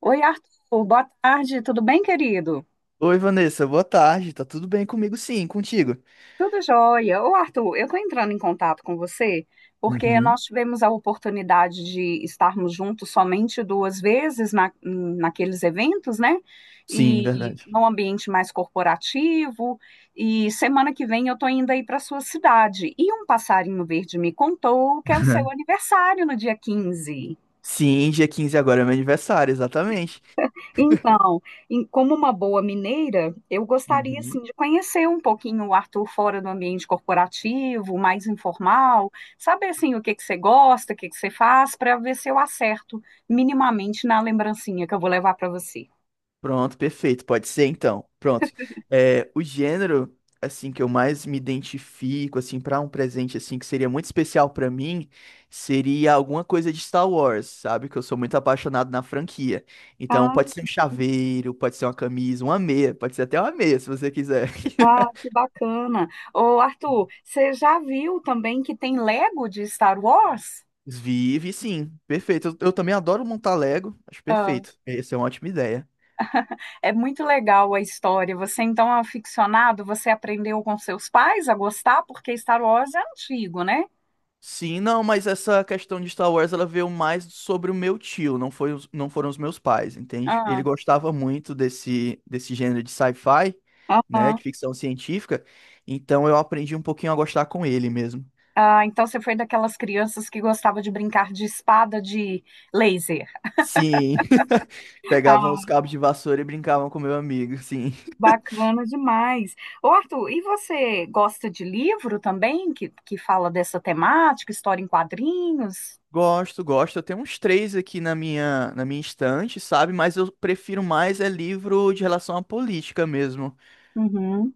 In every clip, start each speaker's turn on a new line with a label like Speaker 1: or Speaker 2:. Speaker 1: Oi, Arthur. Boa tarde. Tudo bem, querido?
Speaker 2: Oi, Vanessa, boa tarde. Tá tudo bem comigo? Sim, contigo.
Speaker 1: Tudo jóia. Ô, Arthur, eu estou entrando em contato com você porque
Speaker 2: Uhum.
Speaker 1: nós tivemos a oportunidade de estarmos juntos somente duas vezes naqueles eventos, né?
Speaker 2: Sim,
Speaker 1: E
Speaker 2: verdade.
Speaker 1: num ambiente mais corporativo. E semana que vem eu estou indo aí para sua cidade. E um passarinho verde me contou que é o seu aniversário no dia 15.
Speaker 2: Sim, dia 15 agora é meu aniversário, exatamente.
Speaker 1: Então, como uma boa mineira, eu gostaria
Speaker 2: Uhum.
Speaker 1: assim de conhecer um pouquinho o Arthur fora do ambiente corporativo, mais informal, saber assim o que que você gosta, o que que você faz, para ver se eu acerto minimamente na lembrancinha que eu vou levar para você.
Speaker 2: Pronto, perfeito. Pode ser então. Pronto. É, o gênero assim que eu mais me identifico assim para um presente assim que seria muito especial para mim seria alguma coisa de Star Wars, sabe? Que eu sou muito apaixonado na franquia. Então
Speaker 1: Ah,
Speaker 2: pode ser um chaveiro, pode ser uma camisa, uma meia, pode ser até uma meia se você quiser.
Speaker 1: ah, que bacana. Ô, Arthur, você já viu também que tem Lego de Star Wars?
Speaker 2: Vive, sim. Perfeito. Eu também adoro montar Lego. Acho
Speaker 1: Ah,
Speaker 2: perfeito. Essa é uma ótima ideia.
Speaker 1: é muito legal a história. Você então é um aficionado, você aprendeu com seus pais a gostar, porque Star Wars é antigo, né?
Speaker 2: Sim, não, mas essa questão de Star Wars, ela veio mais sobre o meu tio, não foi, não foram os meus pais, entende?
Speaker 1: Ah,
Speaker 2: Ele gostava muito desse gênero de sci-fi, né,
Speaker 1: aham.
Speaker 2: de ficção científica, então eu aprendi um pouquinho a gostar com ele mesmo.
Speaker 1: Ah, então você foi daquelas crianças que gostava de brincar de espada de laser.
Speaker 2: Sim, pegavam
Speaker 1: Ah,
Speaker 2: os cabos de vassoura e brincavam com meu amigo, sim.
Speaker 1: bacana demais. Ô, Arthur, e você gosta de livro também que fala dessa temática, história em quadrinhos?
Speaker 2: Gosto, gosto. Eu tenho uns três aqui na minha estante, sabe? Mas eu prefiro mais é livro de relação à política mesmo.
Speaker 1: Uhum.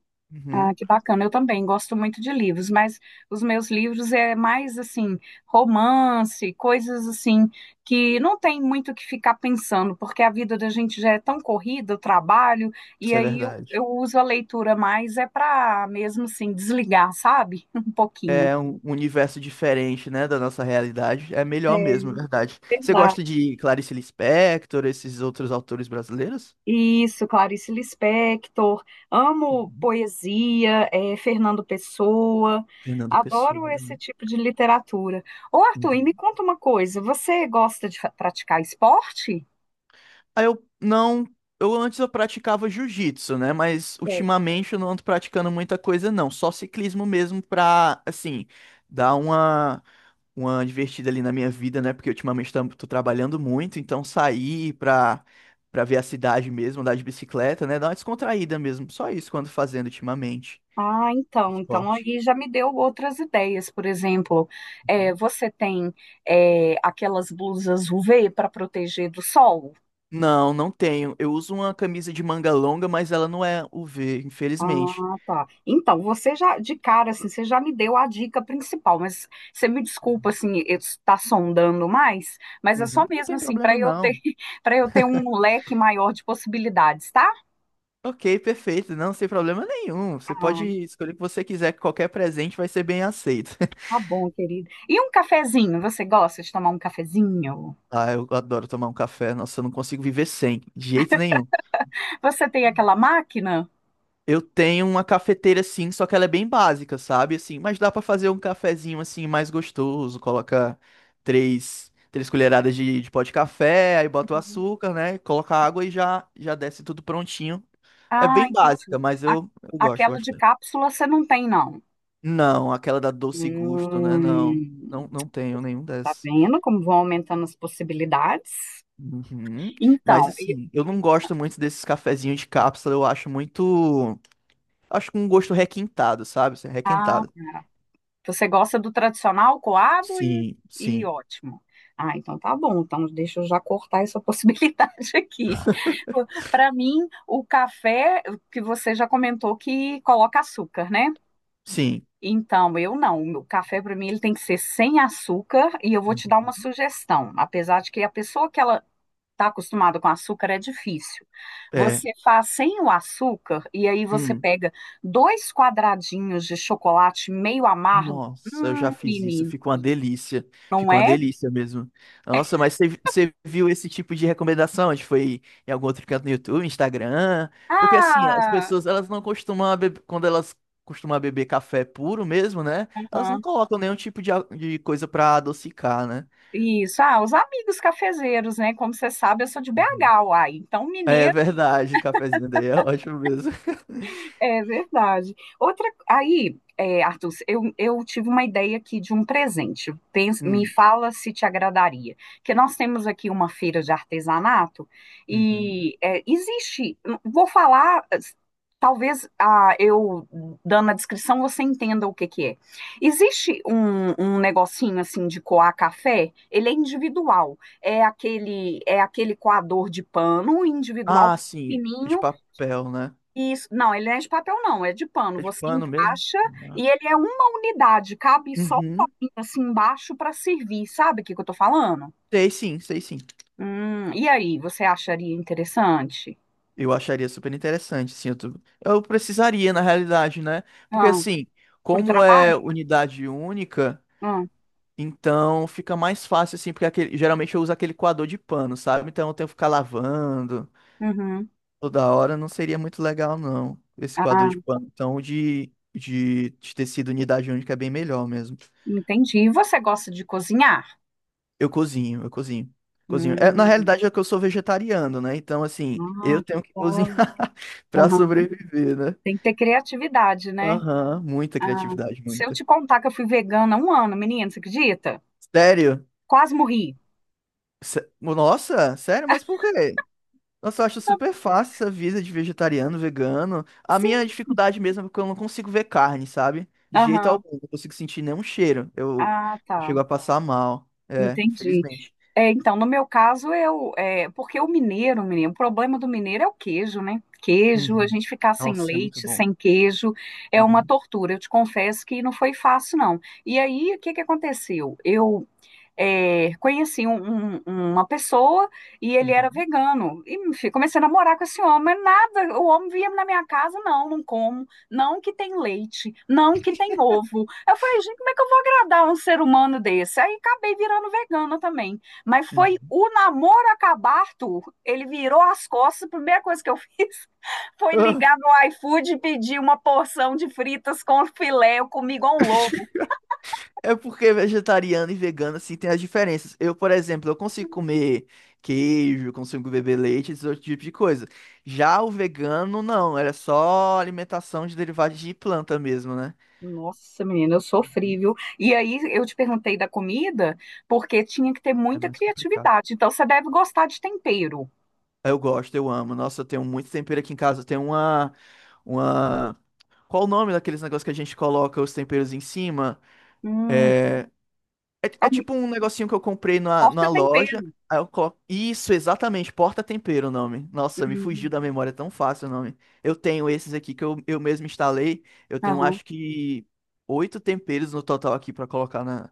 Speaker 1: Ah,
Speaker 2: Uhum,
Speaker 1: que bacana. Eu também gosto muito de livros, mas os meus livros é mais assim, romance, coisas assim que não tem muito o que ficar pensando, porque a vida da gente já é tão corrida, o trabalho, e
Speaker 2: isso é
Speaker 1: aí
Speaker 2: verdade.
Speaker 1: eu uso a leitura mais é para mesmo assim desligar, sabe? Um pouquinho.
Speaker 2: É um universo diferente, né, da nossa realidade. É melhor
Speaker 1: É
Speaker 2: mesmo, é verdade. Você
Speaker 1: verdade.
Speaker 2: gosta de Clarice Lispector, esses outros autores brasileiros?
Speaker 1: Isso, Clarice Lispector, amo
Speaker 2: Uhum.
Speaker 1: poesia, Fernando Pessoa,
Speaker 2: Fernando Pessoa.
Speaker 1: adoro esse
Speaker 2: Né?
Speaker 1: tipo de literatura. Ô Arthur, e me
Speaker 2: Uhum.
Speaker 1: conta uma coisa, você gosta de praticar esporte?
Speaker 2: Aí eu não. Eu antes eu praticava jiu-jitsu, né? Mas
Speaker 1: É.
Speaker 2: ultimamente eu não ando praticando muita coisa, não. Só ciclismo mesmo pra, assim, dar uma divertida ali na minha vida, né? Porque ultimamente tô trabalhando muito, então sair pra, pra ver a cidade mesmo, andar de bicicleta, né? Dar uma descontraída mesmo. Só isso quando fazendo ultimamente.
Speaker 1: Ah, então, então
Speaker 2: Esporte.
Speaker 1: aí já me deu outras ideias, por exemplo,
Speaker 2: Uhum.
Speaker 1: você tem aquelas blusas UV para proteger do sol?
Speaker 2: Não, não tenho. Eu uso uma camisa de manga longa, mas ela não é UV infelizmente.
Speaker 1: Ah, tá. Então, você já, de cara, assim, você já me deu a dica principal, mas você me desculpa, assim, eu estar sondando mais, mas é só
Speaker 2: Uhum. Não
Speaker 1: mesmo,
Speaker 2: tem
Speaker 1: assim, para
Speaker 2: problema,
Speaker 1: eu ter,
Speaker 2: não.
Speaker 1: para eu ter um leque maior de possibilidades, tá?
Speaker 2: Ok, perfeito. Não, sem problema nenhum. Você pode
Speaker 1: Ai,
Speaker 2: escolher o que você quiser, que qualquer presente vai ser bem aceito.
Speaker 1: tá bom, querida. E um cafezinho, você gosta de tomar um cafezinho?
Speaker 2: Ah, eu adoro tomar um café. Nossa, eu não consigo viver sem, de jeito nenhum.
Speaker 1: Você tem aquela máquina?
Speaker 2: Eu tenho uma cafeteira sim, só que ela é bem básica, sabe? Assim, mas dá pra fazer um cafezinho assim mais gostoso. Coloca três colheradas de pó de café, aí bota o açúcar, né? Coloca água e já já desce tudo prontinho. É
Speaker 1: Ah,
Speaker 2: bem
Speaker 1: entendi.
Speaker 2: básica, mas
Speaker 1: A-
Speaker 2: eu gosto
Speaker 1: Aquela de
Speaker 2: bastante.
Speaker 1: cápsula você não tem, não.
Speaker 2: Não, aquela da Doce Gusto, né?
Speaker 1: Hum,
Speaker 2: Não, não tenho nenhum
Speaker 1: tá
Speaker 2: dessas.
Speaker 1: vendo como vão aumentando as possibilidades?
Speaker 2: Uhum. Mas
Speaker 1: Então,
Speaker 2: assim, eu não gosto muito desses cafezinhos de cápsula, eu acho muito. Acho com um gosto requintado, sabe? Assim,
Speaker 1: ah,
Speaker 2: Requintado.
Speaker 1: você gosta do tradicional coado
Speaker 2: Sim,
Speaker 1: e
Speaker 2: sim,
Speaker 1: ótimo. Ah, então tá bom. Então deixa eu já cortar essa possibilidade aqui. Para mim, o café que você já comentou que coloca açúcar, né?
Speaker 2: sim.
Speaker 1: Então, eu não. O meu café para mim ele tem que ser sem açúcar e eu vou te dar uma
Speaker 2: Uhum.
Speaker 1: sugestão. Apesar de que a pessoa que ela está acostumada com açúcar é difícil.
Speaker 2: É.
Speaker 1: Você faz sem o açúcar e aí você
Speaker 2: Hum.
Speaker 1: pega dois quadradinhos de chocolate meio amargo.
Speaker 2: Nossa, eu já fiz isso,
Speaker 1: Menina,
Speaker 2: ficou uma delícia.
Speaker 1: não
Speaker 2: Ficou uma
Speaker 1: é?
Speaker 2: delícia mesmo. Nossa, mas você viu esse tipo de recomendação? A gente foi em algum outro canto no YouTube, Instagram? Porque assim, as
Speaker 1: Ah,
Speaker 2: pessoas, elas não costumam beber, quando elas costumam beber café puro mesmo, né? Elas não
Speaker 1: aham,
Speaker 2: colocam nenhum tipo de, de coisa pra adocicar, né?
Speaker 1: isso. Ah, os amigos cafezeiros, né? Como você sabe, eu sou de
Speaker 2: Uhum.
Speaker 1: BH, uai. Então,
Speaker 2: É
Speaker 1: mineiro.
Speaker 2: verdade, o cafezinho daí é ótimo mesmo.
Speaker 1: É verdade. Outra, aí, é, Arthur, eu tive uma ideia aqui de um presente. Me
Speaker 2: Hum,
Speaker 1: fala se te agradaria. Que nós temos aqui uma feira de artesanato
Speaker 2: uhum.
Speaker 1: e é, existe. Vou falar. Talvez ah, eu dando a descrição você entenda o que que é. Existe um negocinho assim de coar café. Ele é individual. É aquele coador de pano individual
Speaker 2: Ah, sim, de
Speaker 1: fininho.
Speaker 2: papel, né?
Speaker 1: Isso, não, ele não é de papel, não, é de pano.
Speaker 2: É de
Speaker 1: Você
Speaker 2: pano mesmo?
Speaker 1: encaixa
Speaker 2: Ah.
Speaker 1: e ele é uma unidade, cabe só um
Speaker 2: Uhum.
Speaker 1: copinho assim embaixo para servir, sabe o que que eu tô falando?
Speaker 2: Sei sim, sei sim.
Speaker 1: E aí, você acharia interessante?
Speaker 2: Eu acharia super interessante, sim. Eu precisaria, na realidade, né? Porque,
Speaker 1: Ah,
Speaker 2: assim,
Speaker 1: pro
Speaker 2: como
Speaker 1: trabalho?
Speaker 2: é unidade única,
Speaker 1: Ah,
Speaker 2: então fica mais fácil, assim, porque geralmente eu uso aquele coador de pano, sabe? Então eu tenho que ficar lavando
Speaker 1: uhum.
Speaker 2: toda hora, não seria muito legal, não, esse coador de
Speaker 1: Ah,
Speaker 2: pano. Então, o de tecido unidade única é bem melhor mesmo.
Speaker 1: entendi. E você gosta de cozinhar?
Speaker 2: Eu cozinho, eu cozinho. Cozinho. É, na
Speaker 1: Hum,
Speaker 2: realidade é que eu sou vegetariano, né? Então, assim,
Speaker 1: ah,
Speaker 2: eu
Speaker 1: que
Speaker 2: tenho que cozinhar
Speaker 1: legal.
Speaker 2: pra
Speaker 1: Uhum.
Speaker 2: sobreviver, né?
Speaker 1: Tem que ter criatividade, né?
Speaker 2: Aham, muita
Speaker 1: Ah,
Speaker 2: criatividade,
Speaker 1: se eu
Speaker 2: muita.
Speaker 1: te contar que eu fui vegana há um ano, menina, você acredita?
Speaker 2: Sério?
Speaker 1: Quase morri.
Speaker 2: Nossa, sério? Mas por quê? Nossa, eu acho super fácil essa vida de vegetariano, vegano. A minha
Speaker 1: Sim.
Speaker 2: dificuldade mesmo é porque eu não consigo ver carne, sabe? De jeito
Speaker 1: Aham.
Speaker 2: algum, não consigo sentir nenhum cheiro.
Speaker 1: Ah,
Speaker 2: Eu chego
Speaker 1: tá.
Speaker 2: a passar mal. É,
Speaker 1: Entendi.
Speaker 2: infelizmente.
Speaker 1: É, então, no meu caso, eu, é, porque o mineiro, menino, o problema do mineiro é o queijo, né? Queijo, a
Speaker 2: Uhum.
Speaker 1: gente ficar sem
Speaker 2: Nossa, é muito
Speaker 1: leite,
Speaker 2: bom.
Speaker 1: sem queijo, é uma
Speaker 2: Uhum,
Speaker 1: tortura. Eu te confesso que não foi fácil, não. E aí, o que que aconteceu? Eu é, conheci uma pessoa e ele era
Speaker 2: uhum,
Speaker 1: vegano. E enfim, comecei a namorar com esse homem, mas nada, o homem vinha na minha casa, não, como, não que tem leite, não que tem ovo. Eu falei, gente, como é que eu vou agradar um ser humano desse? Aí acabei virando vegana também. Mas foi
Speaker 2: uhum.
Speaker 1: o namoro acabar, Arthur. Ele virou as costas, a primeira coisa que eu fiz foi ligar no iFood e pedir uma porção de fritas com filé. Eu comi igual um louco.
Speaker 2: É porque é vegetariano e vegano, assim, tem as diferenças. Eu, por exemplo, eu consigo comer queijo, consigo beber leite, esse outro tipo de coisa. Já o vegano, não. Era só alimentação de derivados de planta mesmo, né?
Speaker 1: Nossa, menina, eu sofri,
Speaker 2: Uhum.
Speaker 1: viu? E aí eu te perguntei da comida, porque tinha que ter
Speaker 2: É
Speaker 1: muita
Speaker 2: mais complicado.
Speaker 1: criatividade. Então você deve gostar de tempero.
Speaker 2: Eu gosto, eu amo. Nossa, eu tenho muito tempero aqui em casa. Uma... Qual o nome daqueles negócios que a gente coloca os temperos em cima?
Speaker 1: Hum,
Speaker 2: É, é
Speaker 1: algum-
Speaker 2: tipo um negocinho que eu comprei
Speaker 1: torta
Speaker 2: numa
Speaker 1: tempero.
Speaker 2: loja. Aí eu coloco. Isso, exatamente. Porta-tempero o nome. Nossa, me
Speaker 1: Hum,
Speaker 2: fugiu da memória é tão fácil o nome. Eu tenho esses aqui que eu mesmo instalei. Eu tenho
Speaker 1: aham.
Speaker 2: acho que oito temperos no total aqui pra colocar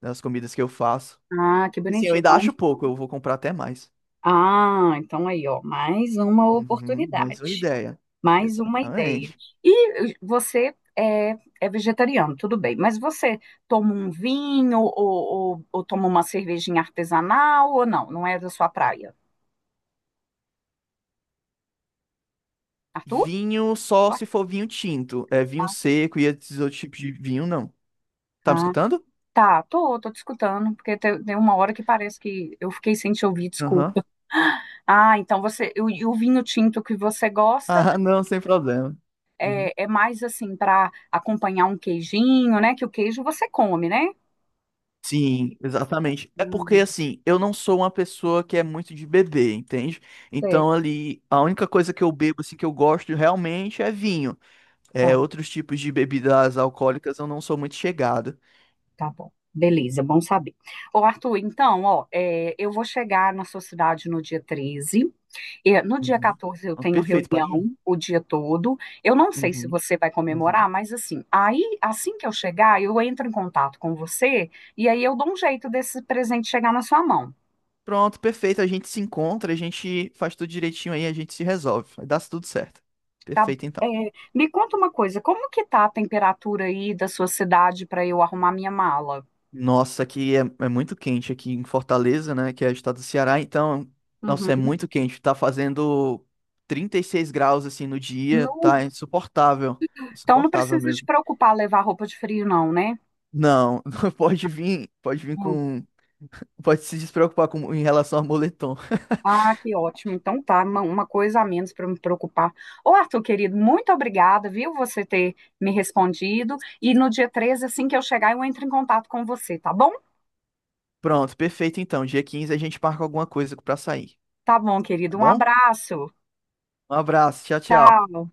Speaker 2: nas comidas que eu faço.
Speaker 1: Ah, que
Speaker 2: Assim, eu
Speaker 1: bonitinho.
Speaker 2: ainda
Speaker 1: Então,
Speaker 2: acho pouco, eu vou comprar até mais.
Speaker 1: ah, então aí, ó, mais uma
Speaker 2: Uhum, mais uma
Speaker 1: oportunidade,
Speaker 2: ideia.
Speaker 1: mais uma ideia.
Speaker 2: Exatamente.
Speaker 1: E você é vegetariano, tudo bem, mas você toma um vinho ou toma uma cervejinha artesanal ou não? Não é da sua praia, Arthur?
Speaker 2: Vinho só se for vinho tinto. É vinho
Speaker 1: Ah, sim.
Speaker 2: seco e esses outros tipos de vinho, não. Tá me escutando?
Speaker 1: Tá, tô te escutando, porque tem uma hora que parece que eu fiquei sem te ouvir,
Speaker 2: Aham.
Speaker 1: desculpa. Ah, então você, e o vinho tinto que você gosta
Speaker 2: Ah, não, sem problema. Uhum.
Speaker 1: é mais assim para acompanhar um queijinho, né? Que o queijo você come, né?
Speaker 2: Sim, exatamente. É porque
Speaker 1: Hum,
Speaker 2: assim, eu não sou uma pessoa que é muito de beber, entende? Então
Speaker 1: sei.
Speaker 2: ali, a única coisa que eu bebo assim que eu gosto realmente é vinho. É,
Speaker 1: Tá,
Speaker 2: outros tipos de bebidas alcoólicas eu não sou muito chegado.
Speaker 1: tá bom. Beleza, bom saber. Ô, Arthur, então, ó, é, eu vou chegar na sua cidade no dia 13. É, no dia
Speaker 2: Uhum.
Speaker 1: 14 eu
Speaker 2: Ah,
Speaker 1: tenho
Speaker 2: Perfeito, pode ir.
Speaker 1: reunião o dia todo. Eu não sei se
Speaker 2: Uhum,
Speaker 1: você vai comemorar,
Speaker 2: uhum.
Speaker 1: mas assim, aí assim que eu chegar, eu entro em contato com você e aí eu dou um jeito desse presente chegar na sua mão,
Speaker 2: Pronto, perfeito. A gente se encontra, a gente faz tudo direitinho aí, a gente se resolve. Vai dar tudo certo.
Speaker 1: tá?
Speaker 2: Perfeito,
Speaker 1: É,
Speaker 2: então.
Speaker 1: me conta uma coisa, como que tá a temperatura aí da sua cidade para eu arrumar minha mala?
Speaker 2: Nossa, aqui é muito quente aqui em Fortaleza, né? Que é o estado do Ceará, então,
Speaker 1: Uhum.
Speaker 2: nossa, é muito quente. Tá fazendo 36 graus assim no dia,
Speaker 1: No-
Speaker 2: tá insuportável.
Speaker 1: então não
Speaker 2: Insuportável
Speaker 1: precisa te
Speaker 2: mesmo.
Speaker 1: preocupar levar roupa de frio, não, né?
Speaker 2: Não, pode vir com. Pode se despreocupar com, em relação a moletom.
Speaker 1: Ah, que ótimo. Então tá, uma coisa a menos para me preocupar. Ô, Arthur, querido, muito obrigada, viu, você ter me respondido. E no dia 13, assim que eu chegar, eu entro em contato com você, tá bom?
Speaker 2: Pronto, perfeito então. Dia 15 a gente marca alguma coisa pra sair,
Speaker 1: Tá bom,
Speaker 2: tá
Speaker 1: querido. Um
Speaker 2: bom?
Speaker 1: abraço.
Speaker 2: Um abraço, tchau, tchau.
Speaker 1: Tchau.